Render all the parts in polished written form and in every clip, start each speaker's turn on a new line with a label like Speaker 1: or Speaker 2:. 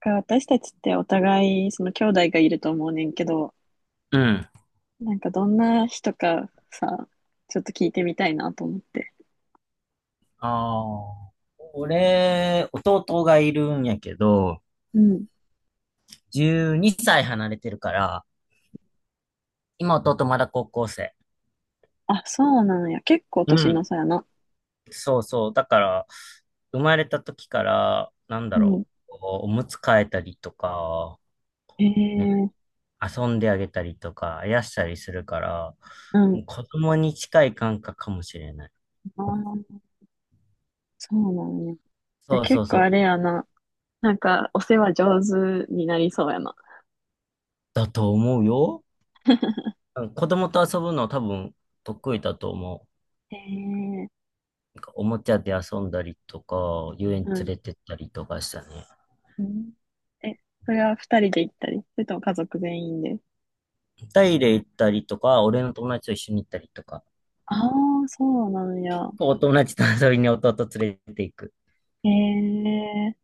Speaker 1: か私たちってお互い、その兄弟がいると思うねんけど、
Speaker 2: うん。
Speaker 1: なんかどんな人かさ、ちょっと聞いてみたいなと思って。
Speaker 2: ああ。俺、弟がいるんやけど、
Speaker 1: うん。
Speaker 2: 12歳離れてるから、今弟まだ高校生。
Speaker 1: あ、そうなんや。結構
Speaker 2: う
Speaker 1: 年の
Speaker 2: ん。
Speaker 1: 差やな。
Speaker 2: そうそう。だから、生まれた時から、なんだ
Speaker 1: うん。
Speaker 2: ろう、おむつ替えたりとか、
Speaker 1: へ
Speaker 2: ね、
Speaker 1: え、
Speaker 2: 遊んであげたりとか、あやしたりするから、
Speaker 1: うん。
Speaker 2: 子供に近い感覚かもしれない。
Speaker 1: あー、そうなんや。じゃあ
Speaker 2: そうそ
Speaker 1: 結
Speaker 2: う
Speaker 1: 構
Speaker 2: そ
Speaker 1: あ
Speaker 2: う。
Speaker 1: れやな。なんかお世話上手になりそうやな。
Speaker 2: だと思うよ。うん、子供と遊ぶの多分得意だと思う。
Speaker 1: へえ、
Speaker 2: おもちゃで遊んだりとか、遊園
Speaker 1: う
Speaker 2: 連
Speaker 1: ん。
Speaker 2: れてったりとかしたね。
Speaker 1: うん。え、それは二人で行ったり、それとも家族全員で。
Speaker 2: タイで行ったりとか、俺の友達と一緒に行ったりとか、
Speaker 1: ああ、そうなんや。
Speaker 2: お友達と遊びに弟連れて行く。
Speaker 1: へえ。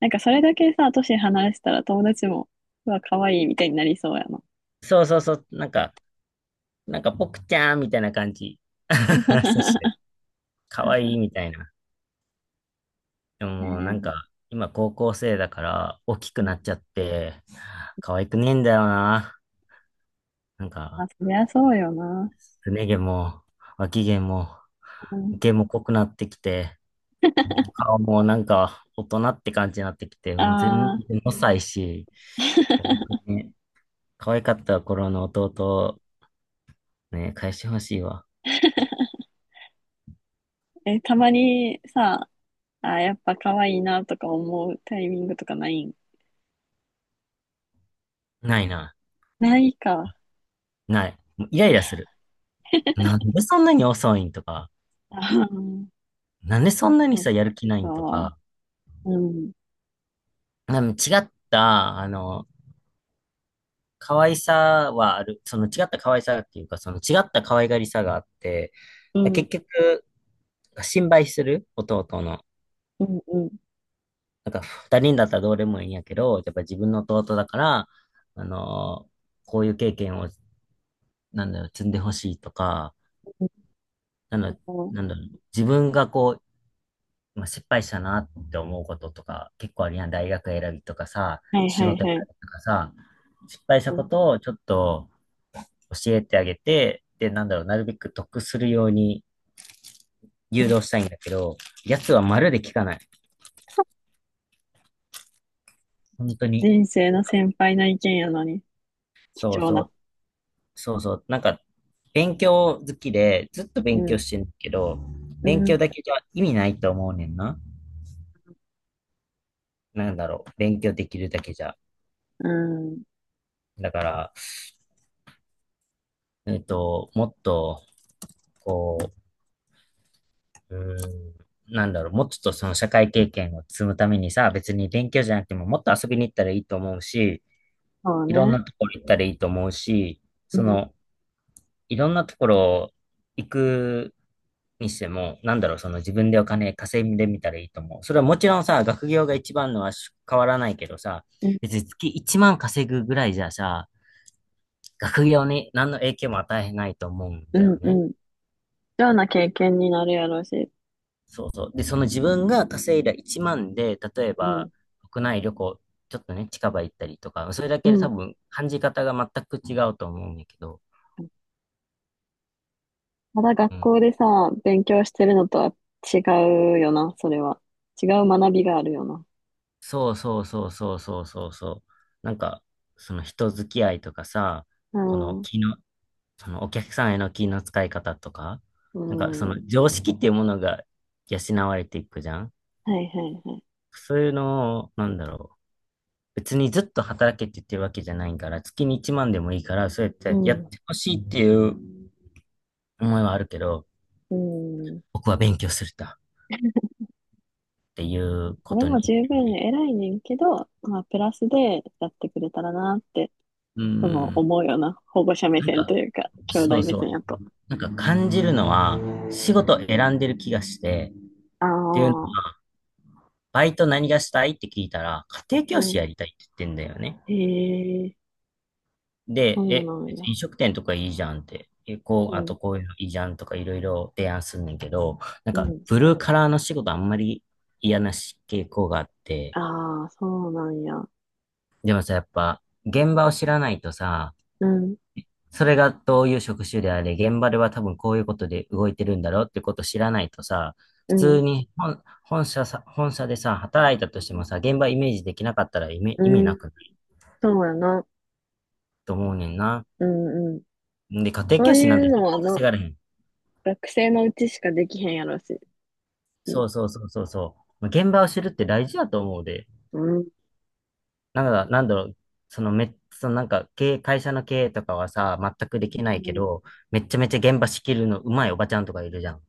Speaker 1: なんかそれだけさ、年離したら友達も、うわ、可愛いみたいになりそうやな。
Speaker 2: そうそうそう、なんか、ポクちゃんみたいな感じ。そして、かわいいみたいな。でもうなん
Speaker 1: ね
Speaker 2: か、今高校生だから大きく
Speaker 1: え、う
Speaker 2: なっ
Speaker 1: ん。
Speaker 2: ちゃって、可愛くねえんだよな。なん
Speaker 1: まあ、
Speaker 2: か、
Speaker 1: そりゃそうよな。
Speaker 2: すね毛も、脇毛も、
Speaker 1: うん、
Speaker 2: 毛も濃くなってきて、顔もなんか大人って感じになってきて、もう全
Speaker 1: ああ、
Speaker 2: 然ごさいし、本 当にね、可愛かった頃の弟をね、返してほしいわ。
Speaker 1: え、たまにさ、あ、やっぱ可愛いなとか思うタイミングとかないん？
Speaker 2: ないな。
Speaker 1: ないか。
Speaker 2: ない。もうイライラする。なんでそんなに遅いんとか、
Speaker 1: あー、
Speaker 2: なんでそんなに
Speaker 1: そっ
Speaker 2: さ、やる気ないんと
Speaker 1: か。
Speaker 2: か、
Speaker 1: うん、
Speaker 2: なんか違った、可愛さはある。その違った可愛さっていうか、その違った可愛がりさがあって、
Speaker 1: う
Speaker 2: 結
Speaker 1: ん、
Speaker 2: 局、心配する弟の。
Speaker 1: うん、うん。
Speaker 2: なんか二人だったらどうでもいいんやけど、やっぱ自分の弟だから、あのーこういう経験を、なんだろう、積んでほしいとか、なんだ
Speaker 1: そ
Speaker 2: ろう、なん
Speaker 1: う、
Speaker 2: だろう、自分がこう、まあ、失敗したなって思うこととか、結構あるやん。大学選びとかさ、
Speaker 1: はい
Speaker 2: 仕
Speaker 1: はい
Speaker 2: 事選
Speaker 1: はい。
Speaker 2: びとかさ、失敗した
Speaker 1: う
Speaker 2: こ
Speaker 1: ん、
Speaker 2: とをちょっと教えてあげて、で、なんだろう、なるべく得するように誘導したいんだけど、やつはまるで聞かない。本当に。
Speaker 1: 人生の先輩の意見やのに、
Speaker 2: そ
Speaker 1: 貴
Speaker 2: う
Speaker 1: 重
Speaker 2: そ
Speaker 1: な。
Speaker 2: う。そうそう、なんか、勉強好きで、ずっと
Speaker 1: う
Speaker 2: 勉強
Speaker 1: ん、
Speaker 2: してるけど、
Speaker 1: う
Speaker 2: 勉強
Speaker 1: ん、
Speaker 2: だけじゃ意味ないと思うねんな。なんだろう、勉強できるだけじゃ。
Speaker 1: うん。
Speaker 2: だから、もっと、こう、なんだろう、もうちょっとその社会経験を積むためにさ、別に勉強じゃなくても、もっと遊びに行ったらいいと思うし、
Speaker 1: そう
Speaker 2: いろん
Speaker 1: ね。
Speaker 2: なところ行ったらいいと思うし、
Speaker 1: う
Speaker 2: そ
Speaker 1: ん。
Speaker 2: の、いろんなところ行くにしても、なんだろう、その自分でお金稼いでみたらいいと思う。それはもちろんさ、学業が一番のは変わらないけどさ、
Speaker 1: うん、
Speaker 2: 別に月1万稼ぐぐらいじゃさ、学業に何の影響も与えないと思うん
Speaker 1: う
Speaker 2: だよ
Speaker 1: ん、う
Speaker 2: ね。
Speaker 1: ん。貴重な経験になるやろうし。
Speaker 2: そうそう。で、その自分が稼いだ1万で、例え
Speaker 1: う
Speaker 2: ば
Speaker 1: ん、
Speaker 2: 国内旅行、ちょっとね、近場行ったりとか、それだ
Speaker 1: う
Speaker 2: けで多
Speaker 1: ん。
Speaker 2: 分感じ方が全く違うと思うんだけど、
Speaker 1: ただ学
Speaker 2: うん。
Speaker 1: 校でさ、勉強してるのとは違うよな、それは。違う学びがあるよな。
Speaker 2: そうそうそうそうそうそうそう。なんか、その人付き合いとかさ、
Speaker 1: う
Speaker 2: この
Speaker 1: ん、
Speaker 2: 気の、そのお客さんへの気の使い方とか、
Speaker 1: う
Speaker 2: なんかそ
Speaker 1: ん。
Speaker 2: の
Speaker 1: は
Speaker 2: 常識っていうものが養われていくじゃん。
Speaker 1: いはいはい。
Speaker 2: そういうのを、なんだろう。別にずっと働けって言ってるわけじゃないから、月に1万でもいいから、そうやっ
Speaker 1: う
Speaker 2: てやっ
Speaker 1: ん、
Speaker 2: てほしいっていう思いはあるけど、
Speaker 1: うん。
Speaker 2: 僕は勉強するんだっていう
Speaker 1: そ
Speaker 2: こ
Speaker 1: れ
Speaker 2: と
Speaker 1: も
Speaker 2: に言っ
Speaker 1: 十分
Speaker 2: て。
Speaker 1: 偉いねんけど、まあ、プラスでやってくれたらなって、
Speaker 2: うん。
Speaker 1: 思うよな。保護者目
Speaker 2: なん
Speaker 1: 線
Speaker 2: か、
Speaker 1: というか、兄
Speaker 2: そう
Speaker 1: 弟目
Speaker 2: そ
Speaker 1: 線
Speaker 2: う。
Speaker 1: やと。
Speaker 2: なんか感じるのは、仕事選んでる気がして、
Speaker 1: あ
Speaker 2: っていうの
Speaker 1: あ、
Speaker 2: は、バイト何がしたいって聞いたら、家庭
Speaker 1: う
Speaker 2: 教師
Speaker 1: ん。
Speaker 2: やりたいって言ってんだよね。
Speaker 1: へえ、そ
Speaker 2: で、
Speaker 1: うなんや。
Speaker 2: 飲食店とかいいじゃんって、こ
Speaker 1: う
Speaker 2: う、あ
Speaker 1: ん、
Speaker 2: とこういうのいいじゃんとかいろいろ提案すんねんけど、なん
Speaker 1: う
Speaker 2: か、
Speaker 1: ん。
Speaker 2: ブルーカラーの仕事あんまり嫌なし傾向があって、
Speaker 1: ああ、そうなんや。
Speaker 2: でもさ、やっぱ、現場を知らないとさ、
Speaker 1: うん、
Speaker 2: それがどういう職種であれ、現場では多分こういうことで動いてるんだろうってことを知らないとさ、
Speaker 1: う
Speaker 2: 普
Speaker 1: ん、
Speaker 2: 通に本社さ、本社でさ、働いたとしてもさ、現場イメージできなかったら意味、
Speaker 1: う
Speaker 2: 意味な
Speaker 1: ん、
Speaker 2: くない
Speaker 1: そうやな。
Speaker 2: と思うねんな。
Speaker 1: うん、うん。
Speaker 2: で、家庭
Speaker 1: そ
Speaker 2: 教
Speaker 1: う
Speaker 2: 師
Speaker 1: い
Speaker 2: なんて
Speaker 1: う
Speaker 2: 絶
Speaker 1: のは
Speaker 2: 対稼
Speaker 1: な、
Speaker 2: がれへん。
Speaker 1: 学生のうちしかできへんやろし。うん、
Speaker 2: そうそうそうそうそう。まあ現場を知るって大事だと思うで。
Speaker 1: うん、
Speaker 2: なんだろう、そのめ、そのなんか経営、会社の経営とかはさ、全くできな
Speaker 1: う
Speaker 2: いけ
Speaker 1: ん。
Speaker 2: ど、めっちゃめちゃ現場仕切るのうまいおばちゃんとかいるじゃん。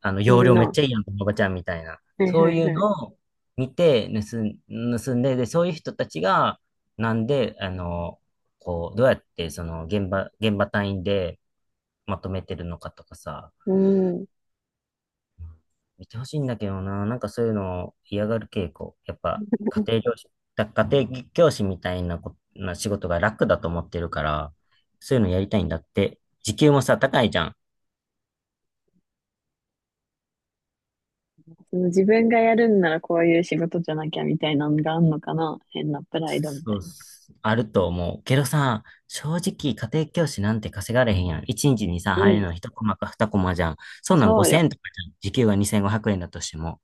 Speaker 2: あの、
Speaker 1: い
Speaker 2: 容
Speaker 1: る
Speaker 2: 量
Speaker 1: な。
Speaker 2: めっ
Speaker 1: は
Speaker 2: ちゃいいやん、このおばちゃんみたいな。
Speaker 1: いは
Speaker 2: そうい
Speaker 1: い
Speaker 2: う
Speaker 1: はい。
Speaker 2: のを見て盗んで、で、そういう人たちが、なんで、こう、どうやってその現場単位でまとめてるのかとかさ、
Speaker 1: うん。
Speaker 2: 見てほしいんだけどな。なんかそういうのを嫌がる傾向。やっぱ、家庭教師みたいなこ、な仕事が楽だと思ってるから、そういうのやりたいんだって。時給もさ、高いじゃん。
Speaker 1: その自分がやるんならこういう仕事じゃなきゃみたいなのがあんのかな。変なプライドみた
Speaker 2: そう
Speaker 1: い
Speaker 2: っ
Speaker 1: な。
Speaker 2: す、あると思う。けどさ、正直家庭教師なんて稼がれへんやん。1日にちにさ、
Speaker 1: う
Speaker 2: 入る
Speaker 1: ん、
Speaker 2: の1コマか2コマじゃん。そんなん
Speaker 1: そう
Speaker 2: 5000
Speaker 1: よ。
Speaker 2: 円とかじゃん。時給が2500円だとしても。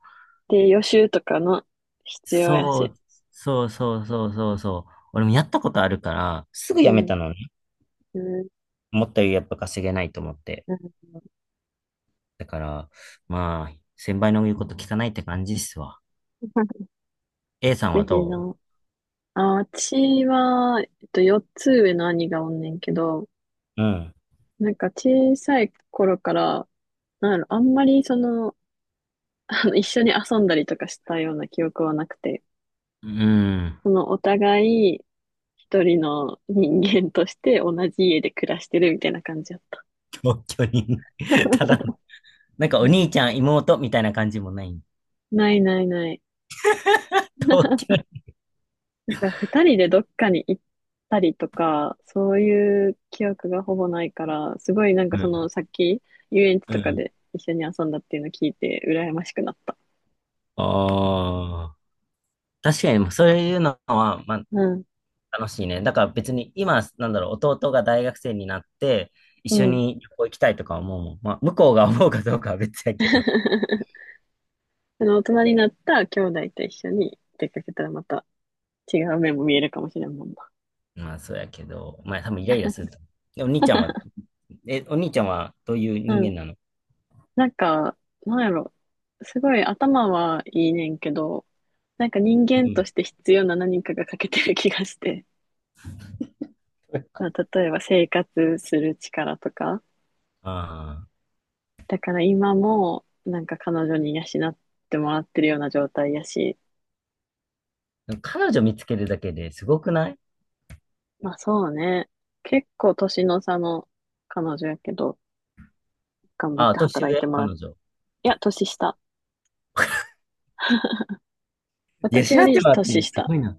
Speaker 1: で、予習とかの必要や
Speaker 2: そ
Speaker 1: し。
Speaker 2: う、そうそうそうそうそう。俺もやったことあるから、すぐ
Speaker 1: う
Speaker 2: 辞め
Speaker 1: ん、
Speaker 2: たのね。
Speaker 1: うん、
Speaker 2: 思ったよりやっぱ稼げないと思って。
Speaker 1: うん。
Speaker 2: だから、まあ、先輩の言うこと聞かないって感じっすわ。A さんは
Speaker 1: ぜひ
Speaker 2: ど
Speaker 1: な。あ、私は、4つ上の兄がおんねんけど、
Speaker 2: う？うん。
Speaker 1: なんか小さい頃から、なんやろあんまりその、あの、一緒に遊んだりとかしたような記憶はなくて、
Speaker 2: うん。
Speaker 1: そのお互い一人の人間として同じ家で暮らしてるみたいな感じだった。
Speaker 2: 同居人。 ただ、なんかお兄ちゃん、妹みたいな感じもない。
Speaker 1: ないないない。なんか二人でどっかに行ったりとか、そういう記憶がほぼないから、すごいなんか
Speaker 2: う
Speaker 1: その
Speaker 2: ん。
Speaker 1: さっき遊園地
Speaker 2: う
Speaker 1: とか
Speaker 2: ん。
Speaker 1: で一緒に遊んだっていうの聞いて羨ましくなった。
Speaker 2: ああ。確かに、そういうのは、まあ、
Speaker 1: うん。
Speaker 2: 楽しいね。だから別に今、なんだろう、弟が大学生になって、一
Speaker 1: う
Speaker 2: 緒
Speaker 1: ん。
Speaker 2: に旅行行きたいとか思うもん。まあ、向こうが思うかどうかは別やけど。
Speaker 1: その大人になった兄弟と一緒に出かけたらまた違う面も見えるかもしれんもんな。
Speaker 2: まあ、そうやけど、まあ、多分イライラすると。で、お兄ちゃんはどういう
Speaker 1: う
Speaker 2: 人
Speaker 1: ん。
Speaker 2: 間なの？
Speaker 1: なんか、なんやろ。すごい頭はいいねんけど、なんか人
Speaker 2: う
Speaker 1: 間と
Speaker 2: ん。
Speaker 1: して必要な何かが欠けてる気がして。まあ、例えば生活する力とか。
Speaker 2: ああ。
Speaker 1: だから今もなんか彼女に養ってもらってるような状態やし。
Speaker 2: でも彼女見つけるだけですごくない？
Speaker 1: まあそうね。結構年の差の彼女やけど、頑張っ
Speaker 2: ああ、
Speaker 1: て
Speaker 2: 年
Speaker 1: 働いて
Speaker 2: 上
Speaker 1: もらって。
Speaker 2: 彼女。
Speaker 1: いや、年下。
Speaker 2: 養
Speaker 1: 私よ
Speaker 2: っ
Speaker 1: り
Speaker 2: てもらってん
Speaker 1: 年
Speaker 2: のす
Speaker 1: 下。
Speaker 2: ごいな。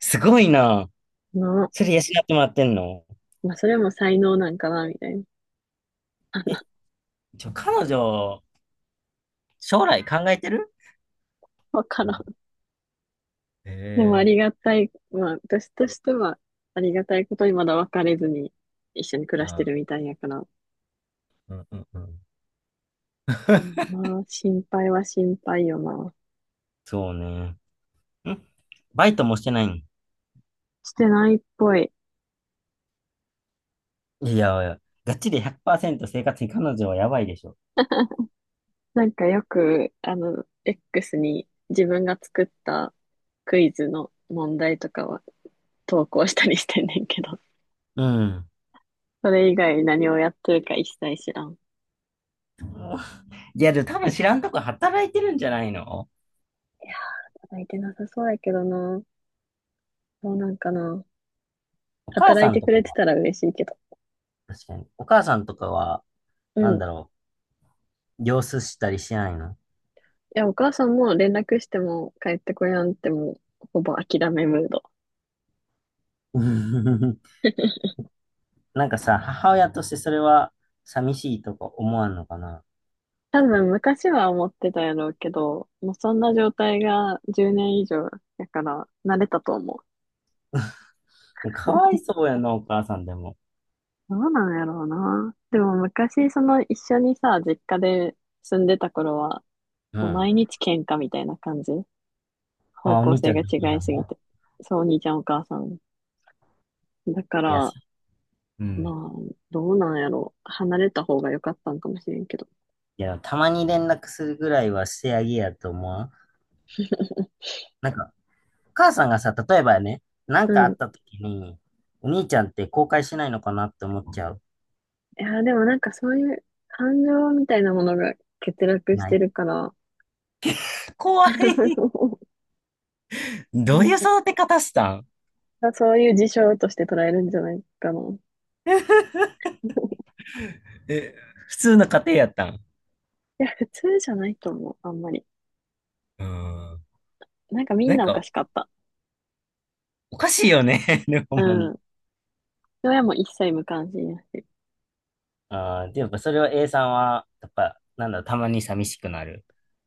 Speaker 2: すごいな。
Speaker 1: の、
Speaker 2: それ養ってもらってんの？
Speaker 1: まあ、それも才能なんかな、みたいな。
Speaker 2: え、ちょ、彼女、将来考えてる？
Speaker 1: わからん。
Speaker 2: え
Speaker 1: でもあ
Speaker 2: え
Speaker 1: り
Speaker 2: ー。
Speaker 1: がたい、まあ、私としては、ありがたいことにまだ別れずに一緒に暮
Speaker 2: あ
Speaker 1: らして
Speaker 2: あ、
Speaker 1: るみたいやから。
Speaker 2: うんうんうん。
Speaker 1: うん。まあ、心配は心配よな。
Speaker 2: そうね。んバイトもしてないん？
Speaker 1: してないっぽい。
Speaker 2: いやいや、がっちり100%生活に彼女はやばいでしょ。
Speaker 1: なんかよく、X に自分が作ったクイズの問題とかは投稿したりしてんねんけど、
Speaker 2: うん。
Speaker 1: それ以外何をやってるか一切知らん。
Speaker 2: いや、でも多分知らんとこ働いてるんじゃないの？
Speaker 1: いや、働いてなさそうやけどな。どうなんかな。
Speaker 2: お母
Speaker 1: 働
Speaker 2: さ
Speaker 1: い
Speaker 2: ん
Speaker 1: て
Speaker 2: と
Speaker 1: く
Speaker 2: か
Speaker 1: れて
Speaker 2: は、
Speaker 1: たら嬉しいけど。
Speaker 2: 確かに。お母さんとかは、
Speaker 1: う
Speaker 2: な
Speaker 1: ん。
Speaker 2: んだ
Speaker 1: い
Speaker 2: ろう、様子したりしないの？
Speaker 1: や、お母さんも連絡しても帰ってこやんってもう、ほぼ諦めムード。
Speaker 2: なんかさ、母親としてそれは寂しいとか思わんのかな？
Speaker 1: 多分昔は思ってたやろうけど、もうそんな状態が10年以上やから慣れたと思う。
Speaker 2: かわい そうやな、お母さんでも。
Speaker 1: どうなんやろうな。でも昔、その一緒にさ、実家で住んでた頃は、
Speaker 2: う
Speaker 1: もう
Speaker 2: ん。
Speaker 1: 毎日喧嘩みたいな感じ。方
Speaker 2: あ、お
Speaker 1: 向
Speaker 2: 兄ち
Speaker 1: 性
Speaker 2: ゃん
Speaker 1: が
Speaker 2: のお母
Speaker 1: 違
Speaker 2: さ
Speaker 1: い
Speaker 2: ん
Speaker 1: すぎ
Speaker 2: も？
Speaker 1: て。そう、お兄ちゃんお母さん。だか
Speaker 2: いや、そ
Speaker 1: ら、
Speaker 2: う
Speaker 1: ま
Speaker 2: ん。
Speaker 1: あ、どうなんやろう。離れた方が良かったんかもしれんけど。
Speaker 2: いや、たまに連絡するぐらいはしてあげやと思わん？なんか、お母さんがさ、例えばね、な
Speaker 1: う
Speaker 2: んかあ
Speaker 1: ん。
Speaker 2: った
Speaker 1: い
Speaker 2: 時に、お兄ちゃんって後悔しないのかなって思っちゃう。
Speaker 1: や、でもなんかそういう感情みたいなものが欠落し
Speaker 2: な
Speaker 1: て
Speaker 2: い？
Speaker 1: るから、
Speaker 2: 怖い。どういう育て 方したん？
Speaker 1: そういう事象として捉えるんじゃないかな。い
Speaker 2: え、普通の家庭やったん？
Speaker 1: や、普通じゃないと思う、あんまり。
Speaker 2: うん。
Speaker 1: なんかみん
Speaker 2: なん
Speaker 1: なおか
Speaker 2: か、
Speaker 1: しかった。
Speaker 2: おかしいよね。ね、ほ
Speaker 1: う
Speaker 2: んまに。
Speaker 1: ん。親も一切無関心やし。
Speaker 2: ああ、でやっぱそれは A さんは、やっぱ、なんだろう、たまに寂しくなる。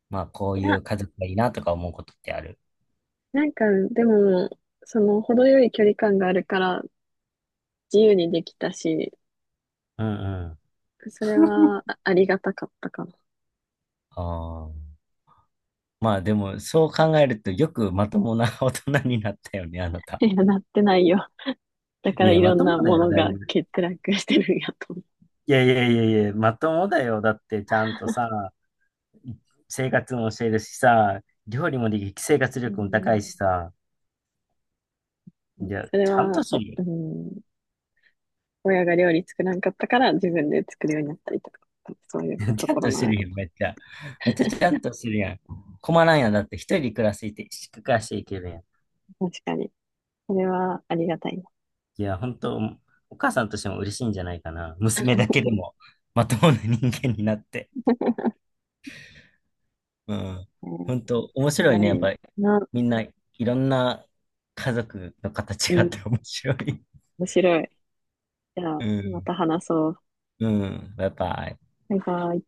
Speaker 2: まあ、こ
Speaker 1: い
Speaker 2: うい
Speaker 1: や、
Speaker 2: う家族がいいなとか思うことってある？
Speaker 1: なんかでも、その程よい距離感があるから自由にできたし、
Speaker 2: うんうん。
Speaker 1: それはあ、ありがたかったかな。
Speaker 2: ああ。まあでも、そう考えると、よくまともな 大人になったよね、あな た。
Speaker 1: いや、なってないよ。だか
Speaker 2: い
Speaker 1: ら
Speaker 2: や、
Speaker 1: い
Speaker 2: ま
Speaker 1: ろん
Speaker 2: とも
Speaker 1: な
Speaker 2: だ
Speaker 1: も
Speaker 2: よ、
Speaker 1: の
Speaker 2: だい
Speaker 1: が
Speaker 2: ぶ。
Speaker 1: 欠落してるんやと思
Speaker 2: いやいやいやいや、まともだよ。だって、ちゃんとさ、生活も教えるしさ、料理もできる、生活
Speaker 1: う。う
Speaker 2: 力も高
Speaker 1: ん。
Speaker 2: いしさ、いや、
Speaker 1: それ
Speaker 2: ちゃん
Speaker 1: は、
Speaker 2: として
Speaker 1: お、
Speaker 2: る
Speaker 1: う
Speaker 2: よ。
Speaker 1: ん、親が料理作らんかったから自分で作るようになったりとか、そういう と
Speaker 2: ちゃん
Speaker 1: ころ
Speaker 2: とし
Speaker 1: なん
Speaker 2: て
Speaker 1: や
Speaker 2: る
Speaker 1: ろ
Speaker 2: よ、めっちゃ。めっちゃちゃんとしてるやん。困らんやん、だって一人で暮らしていて、暮らしていけるやん。
Speaker 1: うな。確かに。それはありがたいで
Speaker 2: いや、本当、お母さんとしても嬉しいんじゃないかな。娘だけでも、まともな人間になって。うん。
Speaker 1: すね。
Speaker 2: 本当面
Speaker 1: 意
Speaker 2: 白いね、やっ
Speaker 1: 外
Speaker 2: ぱり。
Speaker 1: な、
Speaker 2: みんないろんな家族の
Speaker 1: う
Speaker 2: 形があっ
Speaker 1: ん、
Speaker 2: て面白い。
Speaker 1: 面白い。じゃ
Speaker 2: う
Speaker 1: あ、ま
Speaker 2: ん。
Speaker 1: た話そう。
Speaker 2: うん。やっぱ、
Speaker 1: バイバイ。